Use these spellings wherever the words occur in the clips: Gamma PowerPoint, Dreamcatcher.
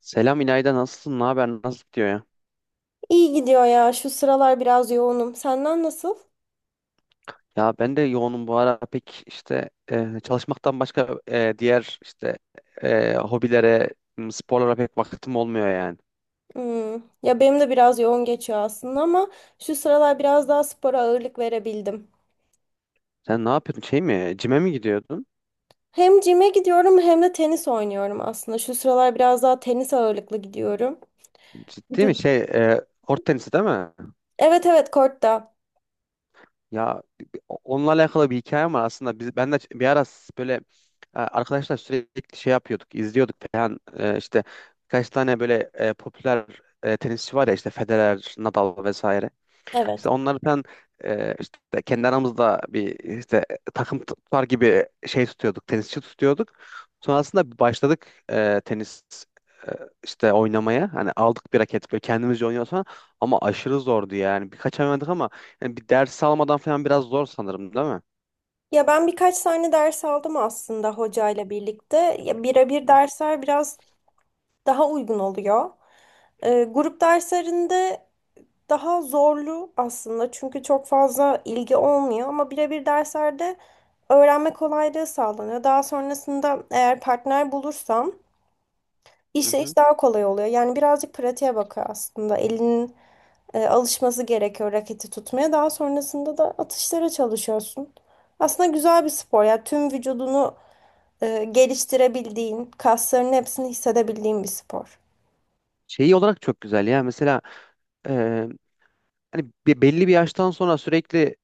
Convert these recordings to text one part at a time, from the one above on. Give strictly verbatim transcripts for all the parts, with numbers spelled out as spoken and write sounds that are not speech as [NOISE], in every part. Selam İlayda, nasılsın? Ne haber? Nasıl gidiyor ya? İyi gidiyor ya. Şu sıralar biraz yoğunum. Senden nasıl? Ya ben de yoğunum bu ara pek işte e, çalışmaktan başka e, diğer işte e, hobilere, m, sporlara pek vaktim olmuyor yani. Hmm. Ya benim de biraz yoğun geçiyor aslında ama şu sıralar biraz daha spora ağırlık verebildim. Sen ne yapıyordun? Şey mi? Cime mi gidiyordun? Hem cime gidiyorum hem de tenis oynuyorum aslında. Şu sıralar biraz daha tenis ağırlıklı gidiyorum. Ciddi mi? Vücut. Şey e, kort tenisi değil mi? Evet evet, kortta. Ya onunla alakalı bir hikayem var aslında. Biz, ben de bir ara böyle e, arkadaşlar sürekli şey yapıyorduk, izliyorduk falan. E, işte birkaç tane böyle e, popüler e, tenisçi var ya, işte Federer, Nadal vesaire. İşte Evet. onları ben, e, işte kendi aramızda bir işte takım tutar gibi şey tutuyorduk, tenisçi tutuyorduk. Sonrasında başladık e, tenis e, işte oynamaya. Hani aldık bir raket, böyle kendimizce oynuyoruz falan. Ama aşırı zordu yani. Birkaç ay oynadık ama yani bir ders almadan falan biraz zor sanırım, değil mi? Ya ben birkaç tane ders aldım aslında hocayla birlikte. Ya birebir Hı dersler biraz daha uygun oluyor. Ee, grup derslerinde daha zorlu aslında çünkü çok fazla ilgi olmuyor ama birebir derslerde öğrenme kolaylığı sağlanıyor. Daha sonrasında eğer partner bulursam hı. işte iş Hı. daha kolay oluyor. Yani birazcık pratiğe bakıyor aslında. Elinin e, alışması gerekiyor raketi tutmaya. Daha sonrasında da atışlara çalışıyorsun. Aslında güzel bir spor ya. Tüm vücudunu e, geliştirebildiğin, kaslarının hepsini hissedebildiğin bir spor. Şeyi olarak çok güzel ya. Mesela e, hani be- belli bir yaştan sonra sürekli,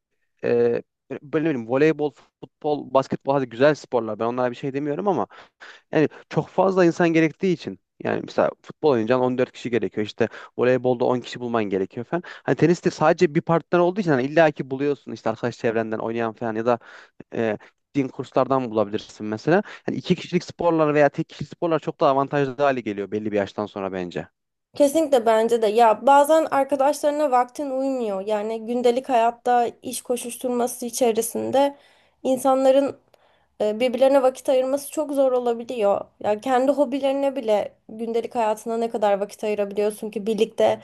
e, böyle böyle ne bileyim voleybol, futbol, basketbol, hadi güzel sporlar. Ben onlara bir şey demiyorum ama yani çok fazla insan gerektiği için, yani mesela futbol oynayacaksın, on dört kişi gerekiyor. İşte voleybolda on kişi bulman gerekiyor falan. Hani teniste sadece bir partner olduğu için hani illa ki buluyorsun, işte arkadaş çevrenden oynayan falan ya da e, gittiğin kurslardan bulabilirsin mesela. Hani iki kişilik sporlar veya tek kişilik sporlar çok daha avantajlı hale geliyor belli bir yaştan sonra bence. Kesinlikle bence de. Ya bazen arkadaşlarına vaktin uymuyor. Yani gündelik hayatta iş koşuşturması içerisinde insanların e, birbirlerine vakit ayırması çok zor olabiliyor. Ya kendi hobilerine bile gündelik hayatına ne kadar vakit ayırabiliyorsun ki birlikte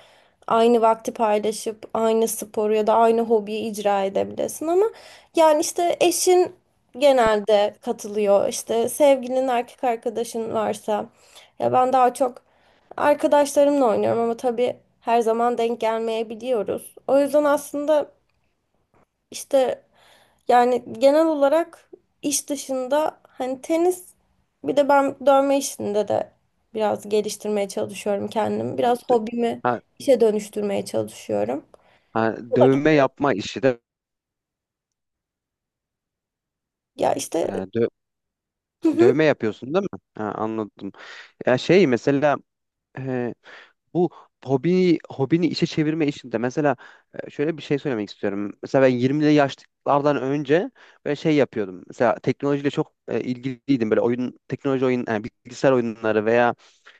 aynı vakti paylaşıp aynı sporu ya da aynı hobiyi icra edebilesin ama yani işte eşin genelde katılıyor. İşte sevgilinin erkek arkadaşın varsa ya ben daha çok arkadaşlarımla oynuyorum ama tabii her zaman denk gelmeyebiliyoruz. O yüzden aslında işte yani genel olarak iş dışında hani tenis, bir de ben dövme işinde de biraz geliştirmeye çalışıyorum kendimi. Biraz hobimi Ha. işe dönüştürmeye çalışıyorum. Ha, dövme yapma işi de, Ya işte e, dö- hı hı. dövme yapıyorsun değil mi? Ha, anladım. Ya şey, mesela e, bu hobi hobini işe çevirme işinde mesela, e, şöyle bir şey söylemek istiyorum. Mesela ben yirmili yaşlardan önce böyle şey yapıyordum. Mesela teknolojiyle çok e, ilgiliydim. Böyle oyun teknoloji oyun yani bilgisayar oyunları veya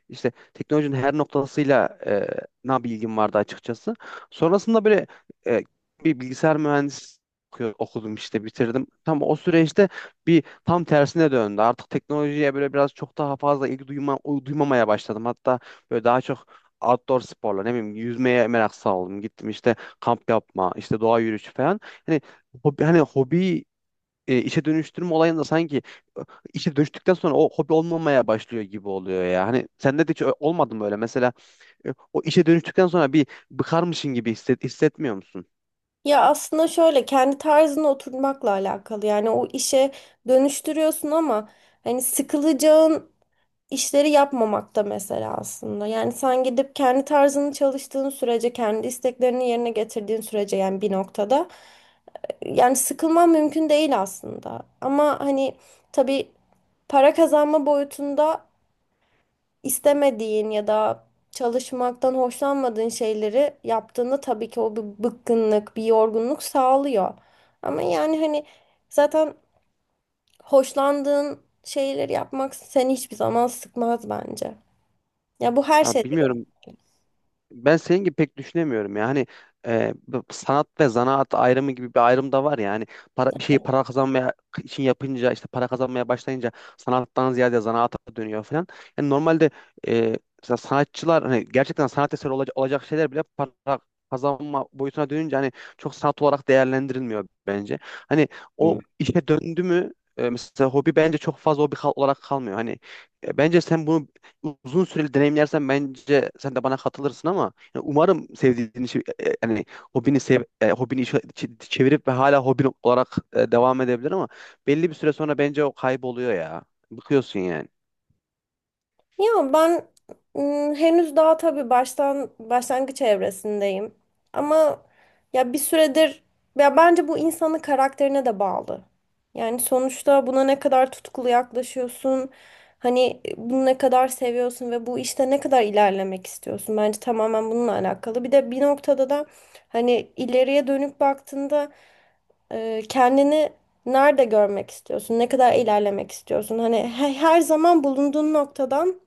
işte teknolojinin her noktasıyla e, na bilgim vardı açıkçası. Sonrasında böyle e, bir bilgisayar mühendisi oku- okudum, işte bitirdim. Tam o süreçte bir tam tersine döndü. Artık teknolojiye böyle biraz çok daha fazla ilgi duyma, duymamaya başladım. Hatta böyle daha çok outdoor sporla, ne bileyim, yüzmeye merak saldım. Gittim işte kamp yapma, işte doğa yürüyüşü falan. Hani hobi, hani hobi e, işe dönüştürme olayında sanki e, işe dönüştükten sonra o hobi olmamaya başlıyor gibi oluyor ya. Hani sende de hiç ö- olmadı mı öyle? Mesela e, o işe dönüştükten sonra bir bıkarmışın gibi hisset, hissetmiyor musun? Ya aslında şöyle, kendi tarzına oturmakla alakalı. Yani o işe dönüştürüyorsun ama hani sıkılacağın işleri yapmamakta mesela aslında. Yani sen gidip kendi tarzını çalıştığın sürece, kendi isteklerini yerine getirdiğin sürece yani bir noktada yani sıkılman mümkün değil aslında. Ama hani tabii para kazanma boyutunda istemediğin ya da çalışmaktan hoşlanmadığın şeyleri yaptığında tabii ki o bir bıkkınlık, bir yorgunluk sağlıyor. Ama yani hani zaten hoşlandığın şeyleri yapmak seni hiçbir zaman sıkmaz bence. Ya bu her Ha, şeyde bilmiyorum. Ben senin gibi pek düşünemiyorum ya. Hani e, bu sanat ve zanaat ayrımı gibi bir ayrım da var ya. Hani para, bir şeyi para kazanmaya için yapınca, işte para kazanmaya başlayınca sanattan ziyade zanaata dönüyor falan. Yani normalde e, mesela sanatçılar, hani gerçekten sanat eseri olacak, olacak şeyler bile para kazanma boyutuna dönünce hani çok sanat olarak değerlendirilmiyor bence. Hani hı. o işe döndü mü e, mesela hobi bence çok fazla hobi kal- olarak kalmıyor. Hani e, bence sen bunu uzun süreli deneyimlersen bence sen de bana katılırsın ama yani umarım sevdiğin işi, e, e, yani hobini sev e, hobini işe ç- çevirip ve hala hobin olarak e, devam edebilir ama belli bir süre sonra bence o kayboluyor ya. Bıkıyorsun yani. Ya ben ım, henüz daha tabii baştan başlangıç evresindeyim. Ama ya bir süredir, ya bence bu insanın karakterine de bağlı. Yani sonuçta buna ne kadar tutkulu yaklaşıyorsun, hani bunu ne kadar seviyorsun ve bu işte ne kadar ilerlemek istiyorsun. Bence tamamen bununla alakalı. Bir de bir noktada da hani ileriye dönüp baktığında e, kendini nerede görmek istiyorsun? Ne kadar ilerlemek istiyorsun? Hani he- her zaman bulunduğun noktadan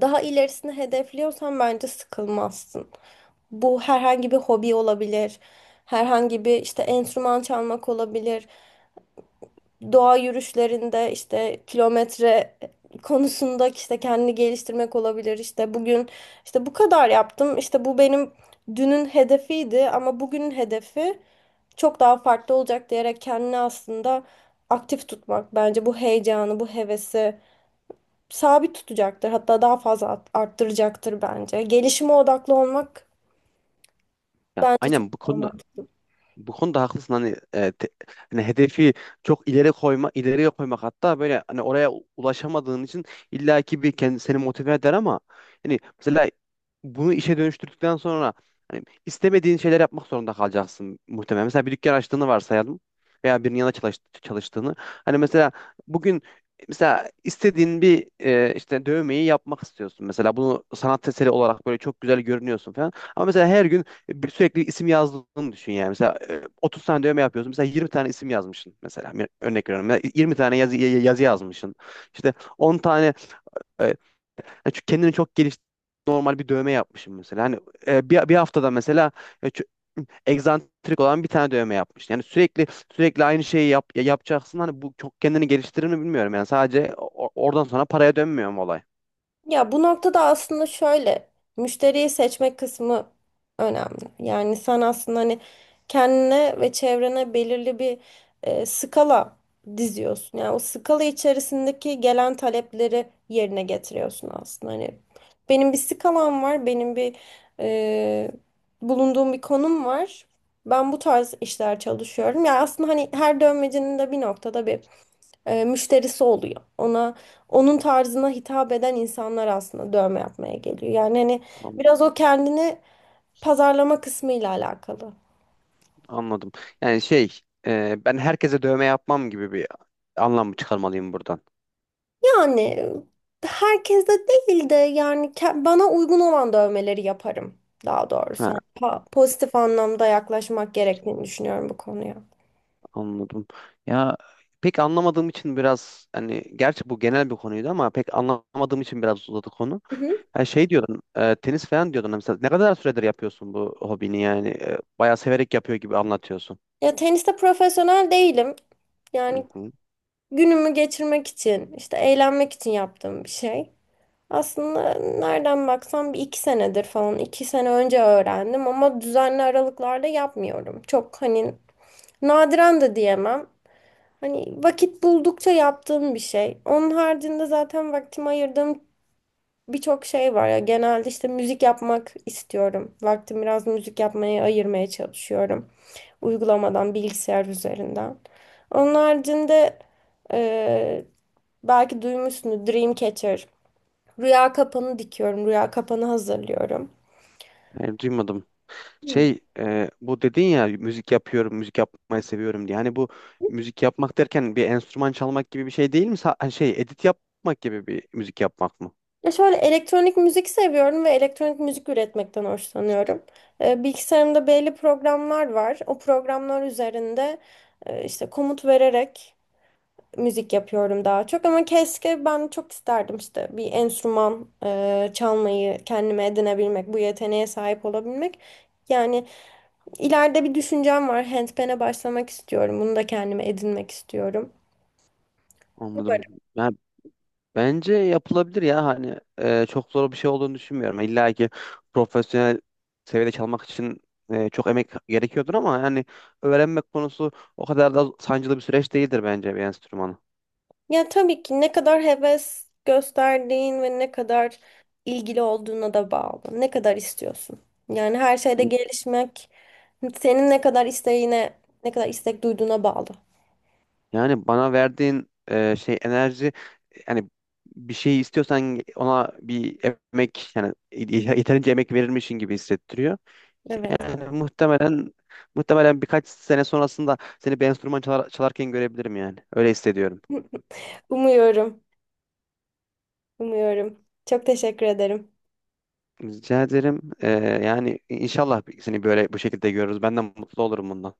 daha ilerisini hedefliyorsan bence sıkılmazsın. Bu herhangi bir hobi olabilir. Herhangi bir işte enstrüman çalmak olabilir. Doğa yürüyüşlerinde işte kilometre konusunda işte kendini geliştirmek olabilir. İşte bugün işte bu kadar yaptım. İşte bu benim dünün hedefiydi ama bugünün hedefi çok daha farklı olacak diyerek kendini aslında aktif tutmak bence bu heyecanı, bu hevesi sabit tutacaktır. Hatta daha fazla art- arttıracaktır bence. Gelişime odaklı olmak Ya bence çok aynen, bu daha konuda, mantıklı. bu konuda haklısın. Hani, e, te- hani hedefi çok ileri koyma ileriye koymak, hatta böyle hani oraya u- ulaşamadığın için illaki bir kendi seni motive eder ama hani mesela bunu işe dönüştürdükten sonra hani istemediğin şeyler yapmak zorunda kalacaksın muhtemelen. Mesela bir dükkan açtığını varsayalım veya birinin yanında çalış- çalıştığını. Hani mesela bugün mesela istediğin bir, e, işte dövmeyi yapmak istiyorsun. Mesela bunu sanat eseri olarak böyle çok güzel görünüyorsun falan. Ama mesela her gün bir sürekli isim yazdığını düşün yani. Mesela e, otuz tane dövme yapıyorsun. Mesela yirmi tane isim yazmışsın mesela. Bir örnek veriyorum. Ya yirmi tane yazı, ya- yazı yazmışsın. İşte on tane, e, hani şu kendini çok geliş normal bir dövme yapmışım mesela. Hani e, bir, bir haftada mesela e, çö- egzantrik olan bir tane dövme yapmış. Yani sürekli sürekli aynı şeyi yap, ya- yapacaksın. Hani bu çok kendini geliştirir mi bilmiyorum. Yani sadece o- oradan sonra paraya dönmüyor mu olay? Ya bu noktada aslında şöyle müşteriyi seçmek kısmı önemli. Yani sen aslında hani kendine ve çevrene belirli bir e, skala diziyorsun. Yani o skala içerisindeki gelen talepleri yerine getiriyorsun aslında. Hani benim bir skalam var, benim bir e, bulunduğum bir konum var. Ben bu tarz işler çalışıyorum. Ya aslında hani her dövmecinin de bir noktada bir e, müşterisi oluyor. Ona onun tarzına hitap eden insanlar aslında dövme yapmaya geliyor. Yani hani biraz o kendini pazarlama kısmıyla alakalı. Anladım. Yani şey, e, ben herkese dövme yapmam gibi bir anlam mı çıkarmalıyım buradan? Yani e, herkes de değil de yani ke- bana uygun olan dövmeleri yaparım daha doğrusu. Ha, Hani pa- pozitif anlamda yaklaşmak gerektiğini düşünüyorum bu konuya. anladım. Ya pek anlamadığım için biraz, hani gerçi bu genel bir konuydu ama pek anlamadığım için biraz uzadı konu. Hı hı. Ha, şey diyordun, e, tenis falan diyordun mesela. Ne kadar süredir yapıyorsun bu hobini yani? E, bayağı severek yapıyor gibi anlatıyorsun. Ya teniste profesyonel değilim. Hı Yani hı. günümü geçirmek için, işte eğlenmek için yaptığım bir şey. Aslında nereden baksam bir iki senedir falan, iki sene önce öğrendim ama düzenli aralıklarla yapmıyorum. Çok hani nadiren de diyemem. Hani vakit buldukça yaptığım bir şey. Onun haricinde zaten vaktimi ayırdığım birçok şey var ya. Genelde işte müzik yapmak istiyorum. Vaktimi biraz müzik yapmaya ayırmaya çalışıyorum. Uygulamadan, bilgisayar üzerinden. Onun haricinde eee belki duymuşsunuz Dreamcatcher. Rüya kapanı dikiyorum. Rüya kapanı hazırlıyorum. Hayır, duymadım. Hmm. Şey, e, bu dedin ya, müzik yapıyorum, müzik yapmayı seviyorum diye. Hani bu müzik yapmak derken bir enstrüman çalmak gibi bir şey değil mi? Sa- hani şey, edit yapmak gibi bir müzik yapmak mı? Ya şöyle, elektronik müzik seviyorum ve elektronik müzik üretmekten hoşlanıyorum. Ee, bilgisayarımda belli programlar var. O programlar üzerinde e, işte komut vererek müzik yapıyorum daha çok. Ama keşke, ben çok isterdim işte bir enstrüman e, çalmayı kendime edinebilmek, bu yeteneğe sahip olabilmek. Yani ileride bir düşüncem var. Handpan'e başlamak istiyorum. Bunu da kendime edinmek istiyorum. Anladım. Ya, bence yapılabilir ya, hani e, çok zor bir şey olduğunu düşünmüyorum. İlla ki profesyonel seviyede çalmak için e, çok emek gerekiyordur ama yani öğrenmek konusu o kadar da sancılı bir süreç değildir bence, bir enstrümanı. Ya tabii ki ne kadar heves gösterdiğin ve ne kadar ilgili olduğuna da bağlı. Ne kadar istiyorsun. Yani her şeyde gelişmek senin ne kadar isteğine, ne kadar istek duyduğuna bağlı. Yani bana verdiğin e, şey enerji, yani bir şeyi istiyorsan ona bir emek yani yeterince emek verilmişin gibi hissettiriyor. Evet. Yani muhtemelen muhtemelen birkaç sene sonrasında seni bir enstrüman çalar- çalarken görebilirim yani. Öyle hissediyorum. [LAUGHS] Umuyorum, umuyorum. Çok teşekkür ederim. Rica ederim. Ee, yani inşallah seni böyle bu şekilde görürüz. Ben de mutlu olurum bundan.